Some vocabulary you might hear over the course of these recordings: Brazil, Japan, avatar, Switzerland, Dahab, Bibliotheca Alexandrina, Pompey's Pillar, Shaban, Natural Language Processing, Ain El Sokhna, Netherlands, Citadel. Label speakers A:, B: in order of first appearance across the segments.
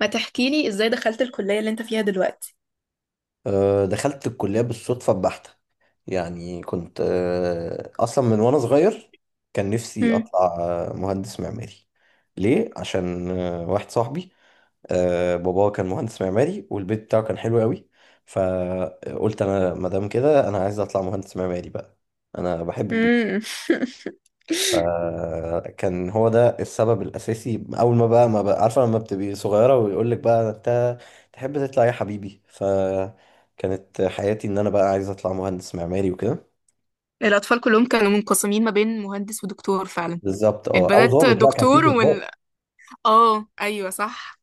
A: ما تحكي لي ازاي دخلت الكلية اللي انت فيها دلوقتي.
B: دخلت الكلية بالصدفة البحتة. يعني كنت أصلا من وأنا صغير كان نفسي
A: مم.
B: أطلع مهندس معماري. ليه؟ عشان واحد صاحبي باباه كان مهندس معماري والبيت بتاعه كان حلو قوي. فقلت أنا مادام كده أنا عايز أطلع مهندس معماري بقى. أنا بحب.
A: مم.
B: فكان هو ده السبب الأساسي. أول ما بقى عارفة لما بتبقي صغيرة ويقول لك بقى أنت تحب تطلع إيه يا حبيبي، فكانت حياتي إن أنا بقى عايز أطلع مهندس معماري وكده.
A: الأطفال كلهم كانوا منقسمين ما بين مهندس ودكتور فعلا.
B: بالظبط، أه، أو
A: البنات
B: ضابط، لا كان في
A: دكتور
B: ضباط.
A: وال، اه أيوة صح.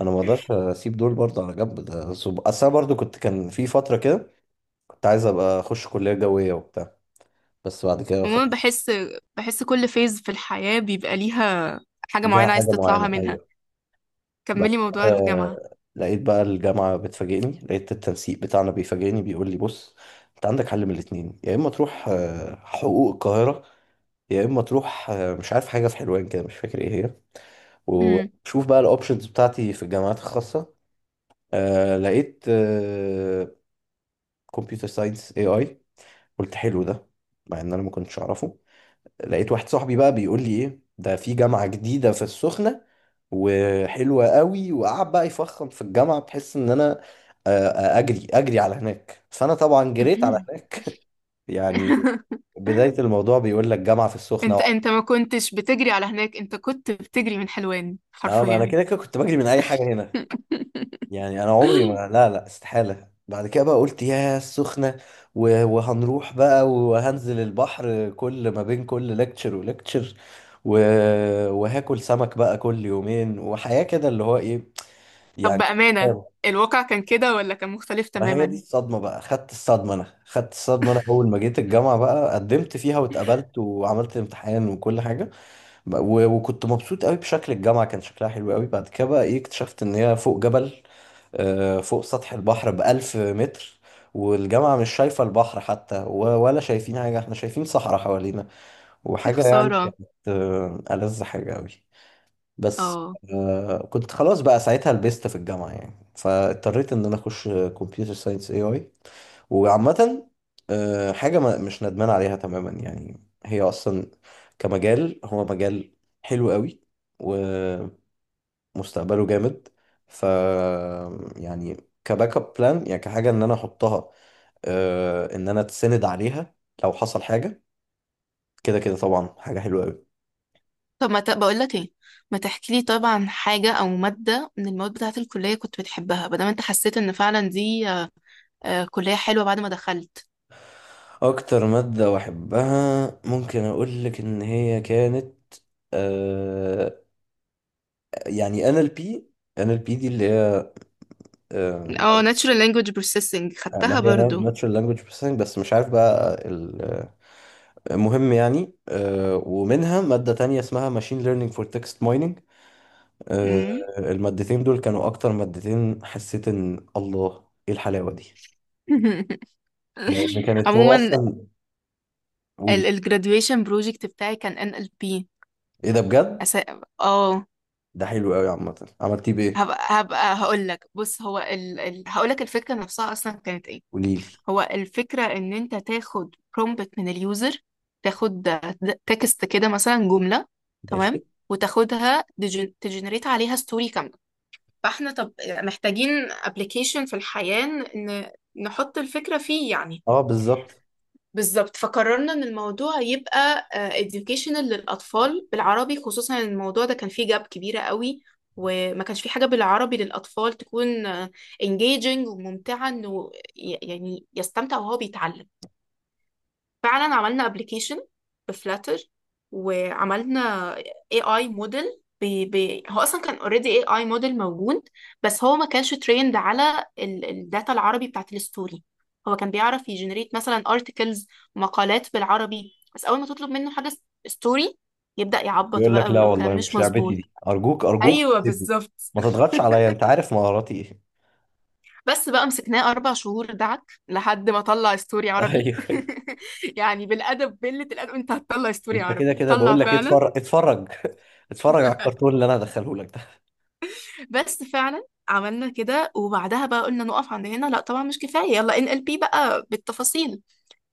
B: أنا ما أقدرش أسيب دول برضه على جنب. ده أصل أنا برضه كنت، كان في فترة كده كنت عايز أبقى أخش كلية جوية وبتاع، بس بعد كده
A: عموما
B: فكرت.
A: بحس، بحس كل فيز في الحياة بيبقى ليها حاجة
B: ليها
A: معينة عايز
B: حاجة
A: تطلعها
B: معينة،
A: منها.
B: أيوه. بعد
A: كملي موضوع
B: كده
A: الجامعة.
B: لقيت بقى الجامعة بتفاجئني، لقيت التنسيق بتاعنا بيفاجئني بيقول لي بص، انت عندك حل من الاتنين: يا اما تروح حقوق القاهرة، يا اما تروح مش عارف حاجة في حلوان كده مش فاكر ايه هي،
A: مم.
B: وشوف بقى الاوبشنز بتاعتي في الجامعات الخاصة. لقيت كمبيوتر ساينس اي اي. قلت حلو ده، مع ان انا ما كنتش اعرفه. لقيت واحد صاحبي بقى بيقول لي ايه ده، في جامعة جديدة في السخنة وحلوة قوي، وقعد بقى يفخم في الجامعة بحيث ان انا اجري على هناك، فانا طبعا جريت على هناك. يعني بداية الموضوع بيقول لك جامعة في السخنة
A: انت
B: وعلى.
A: انت ما كنتش بتجري على هناك، انت كنت بتجري من حلوان
B: اه، ما انا
A: حرفيا.
B: كده كده كنت بجري من اي حاجة هنا. يعني انا عمري ما، لا، استحالة. بعد كده بقى قلت يا السخنة، وهنروح بقى وهنزل البحر كل ما بين كل لكتشر ولكتشر و... وهاكل سمك بقى كل يومين وحياة كده اللي هو ايه
A: طب
B: يعني.
A: بأمانة، الواقع كان كده ولا كان مختلف
B: ما هي دي
A: تماما؟
B: الصدمة بقى، خدت الصدمة. انا خدت الصدمة انا اول ما جيت الجامعة بقى، قدمت فيها واتقبلت وعملت امتحان وكل حاجة، وكنت مبسوط قوي بشكل الجامعة، كان شكلها حلو قوي. بعد كده بقى ايه، اكتشفت ان هي فوق جبل، فوق سطح البحر بألف متر، والجامعة مش شايفة البحر حتى، ولا شايفين حاجة، احنا شايفين صحراء حوالينا
A: يا
B: وحاجة. يعني
A: خسارة.
B: كانت ألذ حاجة قوي. بس
A: اه.
B: كنت خلاص بقى ساعتها لبست في الجامعة يعني، فاضطريت ان انا اخش كمبيوتر ساينس اي اي. وعامة حاجة ما مش ندمان عليها تماما. يعني هي أصلا كمجال، هو مجال حلو قوي ومستقبله جامد. ف، يعني، كباك اب بلان، يعني كحاجة إن أنا أحطها، إن أنا أتسند عليها لو حصل حاجة. كده كده طبعا حاجة حلوة قوي.
A: طب ما ت... بقول لك ايه، ما تحكي لي طبعا عن حاجة او مادة من المواد بتاعة الكلية كنت بتحبها، بدل ما انت حسيت ان فعلا دي كلية حلوة بعد ما دخلت.
B: أكتر مادة بحبها ممكن أقول لك إن هي كانت آه، يعني NLP. NLP دي اللي
A: اه
B: هي
A: Natural Language Processing خدتها
B: ما هي
A: برضو.
B: ناتشورال لانجويج بروسيسنج، بس مش عارف بقى مهم يعني. ومنها مادة تانية اسمها ماشين ليرنينج فور تكست مايننج.
A: مم.
B: المادتين دول كانوا أكتر مادتين حسيت إن الله إيه الحلاوة دي. لأن كانت هو
A: عموما
B: أصلا،
A: ال
B: قولي.
A: ال graduation project بتاعي كان NLP.
B: إيه ده بجد؟
A: أس... اه.
B: ده حلو قوي. عامة، عملتيه بإيه؟
A: هبقى هقول لك. بص هو هقول لك الفكرة نفسها اصلا كانت ايه.
B: قوليلي.
A: هو الفكرة ان انت تاخد برومبت من اليوزر، تاخد تكست كده مثلا جملة، تمام،
B: ماشي.
A: وتاخدها تجنريت عليها ستوري كاملة. فاحنا طب محتاجين ابلكيشن في الحياة نحط الفكرة فيه يعني.
B: أه، بالظبط.
A: بالظبط. فقررنا ان الموضوع يبقى educational للاطفال بالعربي، خصوصا ان الموضوع ده كان فيه جاب كبيرة قوي. وما كانش في حاجة بالعربي للأطفال تكون engaging وممتعة، إنه يعني يستمتع وهو بيتعلم. فعلا عملنا ابلكيشن بفلاتر، وعملنا اي اي موديل. بي بي هو اصلا كان اوريدي اي اي موديل موجود، بس هو ما كانش تريند على الداتا العربي بتاعت الستوري. هو كان بيعرف يجنريت مثلا ارتكلز، مقالات بالعربي، بس اول ما تطلب منه حاجه ستوري يبدأ يعبط
B: يقول
A: بقى
B: لك لا
A: ويقول كلام
B: والله
A: مش
B: مش لعبتي
A: مظبوط.
B: دي، أرجوك أرجوك
A: ايوه
B: سيبني،
A: بالظبط.
B: ما تضغطش عليا، أنت عارف مهاراتي إيه.
A: بس بقى مسكناه أربع شهور دعك لحد ما طلع ستوري عربي.
B: أيوه.
A: يعني بالأدب قلة الأدب، أنت هتطلع ستوري
B: انت كده
A: عربي.
B: كده
A: طلع
B: بقول لك
A: فعلا.
B: اتفرج اتفرج. اتفرج على الكرتون اللي انا هدخله لك ده.
A: بس فعلا عملنا كده، وبعدها بقى قلنا نقف عند هنا؟ لا طبعا، مش كفاية، يلا ان ال بي بقى بالتفاصيل.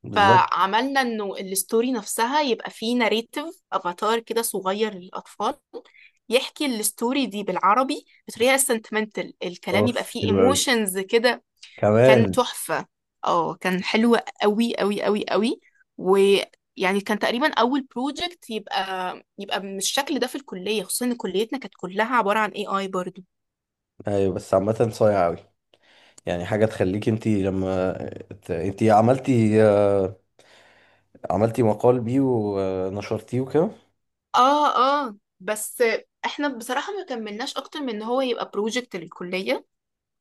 B: بالظبط.
A: فعملنا انه الستوري نفسها يبقى فيه ناريتيف افاتار كده صغير للأطفال، يحكي الستوري دي بالعربي بطريقة sentimental، الكلام
B: اوف،
A: يبقى فيه
B: حلو قوي
A: ايموشنز كده. كان
B: كمان.
A: تحفة. اه كان حلو قوي قوي قوي قوي. ويعني كان تقريبا اول بروجكت يبقى يبقى بالشكل ده في الكلية، خصوصا ان كليتنا كانت كلها عبارة عن اي اي برضو.
B: ايوه، بس عامه صايع قوي. يعني حاجه تخليك انت لما انت عملتي، عملتي مقال بيه ونشرتيه وكده.
A: اه. اه بس، احنا بصراحة ما كملناش اكتر من ان هو يبقى بروجكت للكلية.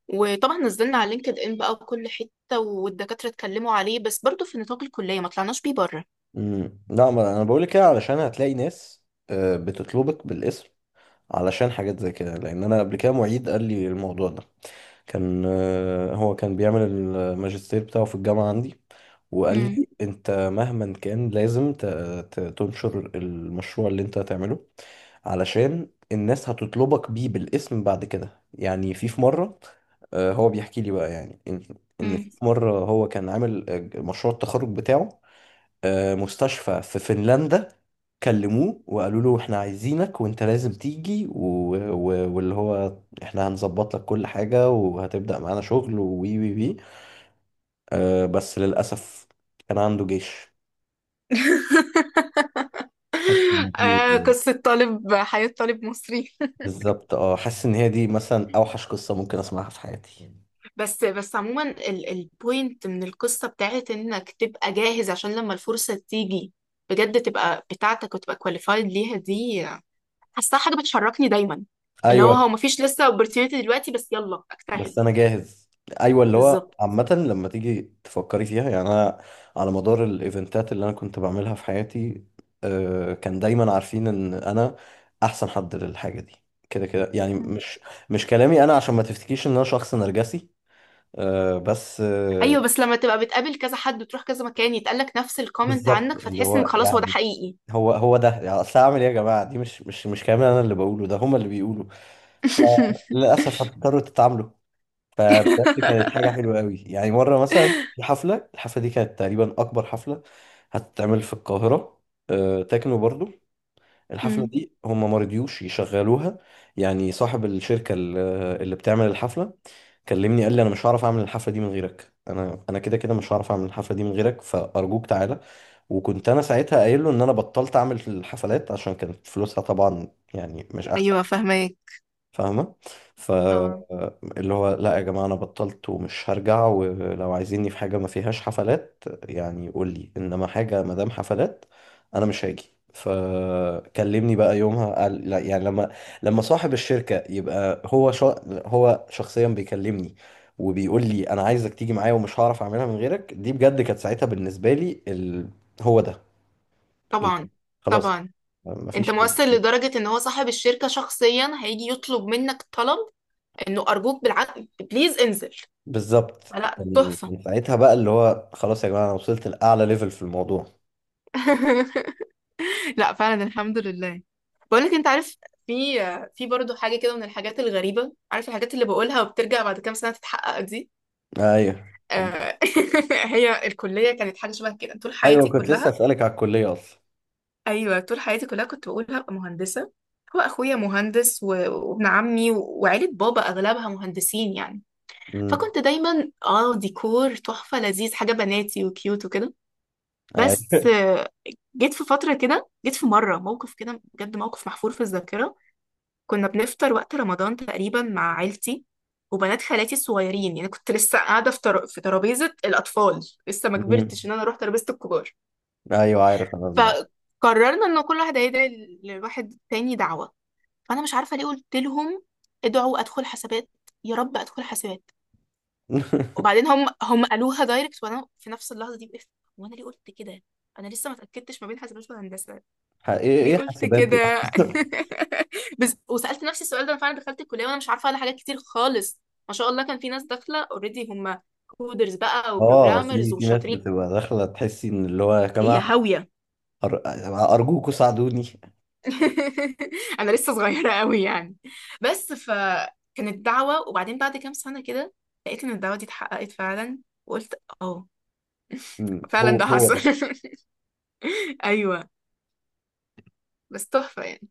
A: وطبعا نزلنا على لينكد ان بقى وكل حتة، والدكاترة اتكلموا عليه، بس برضو في نطاق الكلية، ما طلعناش بيه بره.
B: امم، لا ما انا بقول لك كده علشان هتلاقي ناس بتطلبك بالاسم علشان حاجات زي كده. لان انا قبل كده معيد قال لي الموضوع ده. كان هو كان بيعمل الماجستير بتاعه في الجامعة عندي، وقال
A: امم.
B: لي انت مهما كان لازم تنشر المشروع اللي انت هتعمله علشان الناس هتطلبك بيه بالاسم بعد كده. يعني في مرة هو بيحكي لي بقى يعني ان، إن
A: امم.
B: في مرة هو كان عامل مشروع التخرج بتاعه مستشفى في فنلندا. كلموه وقالوا له احنا عايزينك وانت لازم تيجي و... و... واللي هو احنا هنظبط لك كل حاجة وهتبدأ معانا شغل، وي وي وي. بس للأسف كان عنده جيش. حاسس إن دي،
A: آه قصة طالب، حياة طالب مصري.
B: بالظبط، اه حاسس ان هي دي مثلا اوحش قصة ممكن اسمعها في حياتي.
A: بس بس عموما، البوينت من القصة بتاعت انك تبقى جاهز عشان لما الفرصة تيجي بجد تبقى بتاعتك وتبقى كواليفايد ليها، دي حاساها حاجة بتشركني دايما. اللي هو
B: ايوه،
A: مفيش لسه opportunity دلوقتي، بس يلا اجتهد.
B: بس انا جاهز. ايوه، اللي هو
A: بالظبط.
B: عامه لما تيجي تفكري فيها يعني انا على مدار الايفنتات اللي انا كنت بعملها في حياتي كان دايما عارفين ان انا احسن حد للحاجه دي. كده كده يعني،
A: مم.
B: مش مش كلامي انا، عشان ما تفتكيش ان انا شخص نرجسي. آه، بس آه،
A: ايوه، بس لما تبقى بتقابل كذا حد وتروح كذا مكان يتقالك نفس الكومنت
B: بالظبط.
A: عنك،
B: اللي
A: فتحس انك
B: هو
A: خلاص هو ده
B: يعني
A: حقيقي.
B: هو هو ده يعني، اصل اعمل ايه يا جماعه، دي مش كلامي انا اللي بقوله، ده هما اللي بيقولوا، فللاسف هتضطروا تتعاملوا. فبجد كانت حاجة حلوة قوي. يعني مرة مثلا في حفلة، الحفلة دي كانت تقريبا أكبر حفلة هتتعمل في القاهرة، تكنو برضو. الحفلة
A: مم.
B: دي هم ما رضيوش يشغلوها. يعني صاحب الشركة اللي بتعمل الحفلة كلمني قال لي أنا مش هعرف أعمل الحفلة دي من غيرك، أنا كده كده مش هعرف أعمل الحفلة دي من غيرك فأرجوك تعالى. وكنت أنا ساعتها قايل له إن أنا بطلت أعمل الحفلات، عشان كانت فلوسها طبعا يعني مش أحسن.
A: ايوه فاهمك.
B: فاهمة.
A: اه.
B: فاللي هو لا يا جماعة أنا بطلت ومش هرجع، ولو عايزيني في حاجة ما فيهاش حفلات يعني قول لي، إنما حاجة ما دام حفلات أنا مش هاجي. فكلمني بقى يومها قال، لا يعني لما، لما صاحب الشركة يبقى هو هو شخصيا بيكلمني وبيقول لي أنا عايزك تيجي معايا ومش هعرف أعملها من غيرك، دي بجد كانت ساعتها بالنسبة لي ال... هو ده ال...
A: طبعا.
B: خلاص،
A: طبعا. انت
B: مفيش.
A: مؤثر لدرجة ان هو صاحب الشركة شخصيا هيجي يطلب منك طلب، انه ارجوك بالعقل بليز انزل.
B: بالظبط.
A: لا
B: كان
A: تحفه.
B: كان ساعتها بقى اللي هو خلاص يا جماعة أنا وصلت لأعلى ليفل في الموضوع.
A: لا فعلا الحمد لله. بقول لك انت عارف، في في برضه حاجه كده من الحاجات الغريبه، عارف الحاجات اللي بقولها وبترجع بعد كام سنه تتحقق دي؟
B: أيوه.
A: آه، هي الكليه كانت حاجه شبه كده طول
B: أيوه
A: حياتي
B: كنت لسه
A: كلها.
B: أسألك على الكلية أصلا.
A: ايوه طول حياتي كلها كنت بقول هبقى مهندسه. هو اخويا مهندس وابن عمي وعيله بابا اغلبها مهندسين يعني.
B: امم.
A: فكنت دايما اه ديكور تحفه لذيذ حاجه بناتي وكيوت وكده. بس،
B: أيوه.
A: جيت في فترة كده، جيت في مرة موقف كده بجد، موقف محفور في الذاكرة. كنا بنفطر وقت رمضان تقريبا مع عيلتي وبنات خالاتي الصغيرين، يعني كنت لسه قاعدة في في ترابيزة الأطفال، لسه ما
B: أمم.
A: كبرتش إن أنا أروح ترابيزة الكبار.
B: أيوه عارف أنا الموضوع.
A: فقررنا إن كل واحد هيدعي لواحد تاني دعوة. فأنا مش عارفة ليه قلت لهم ادعوا أدخل حسابات، يا رب أدخل حسابات. وبعدين هم قالوها دايركت، وأنا في نفس اللحظة دي وقفت، وأنا ليه قلت كده؟ انا لسه ما اتاكدتش ما بين حسابات وهندسه،
B: إيه
A: ليه
B: إيه
A: قلت
B: حاسبات دي
A: كده؟
B: أصلا؟
A: بس وسألت نفسي السؤال ده، انا فعلا دخلت الكلية وانا مش عارفة على حاجات كتير خالص. ما شاء الله كان في ناس داخلة اوريدي هم كودرز بقى
B: آه
A: وبروجرامرز
B: في في ناس
A: وشاطرين،
B: بتبقى داخلة تحسي إن اللي هو يا
A: هي
B: جماعة
A: هاوية.
B: أر- أرجوكوا ساعدوني.
A: انا لسه صغيرة قوي يعني. بس، فكانت دعوة، وبعدين بعد كام سنة كده لقيت ان الدعوة دي اتحققت فعلا. وقلت اه
B: أمم، هو
A: فعلا ده
B: هو
A: حصل.
B: ده.
A: ايوه. بس تحفة يعني.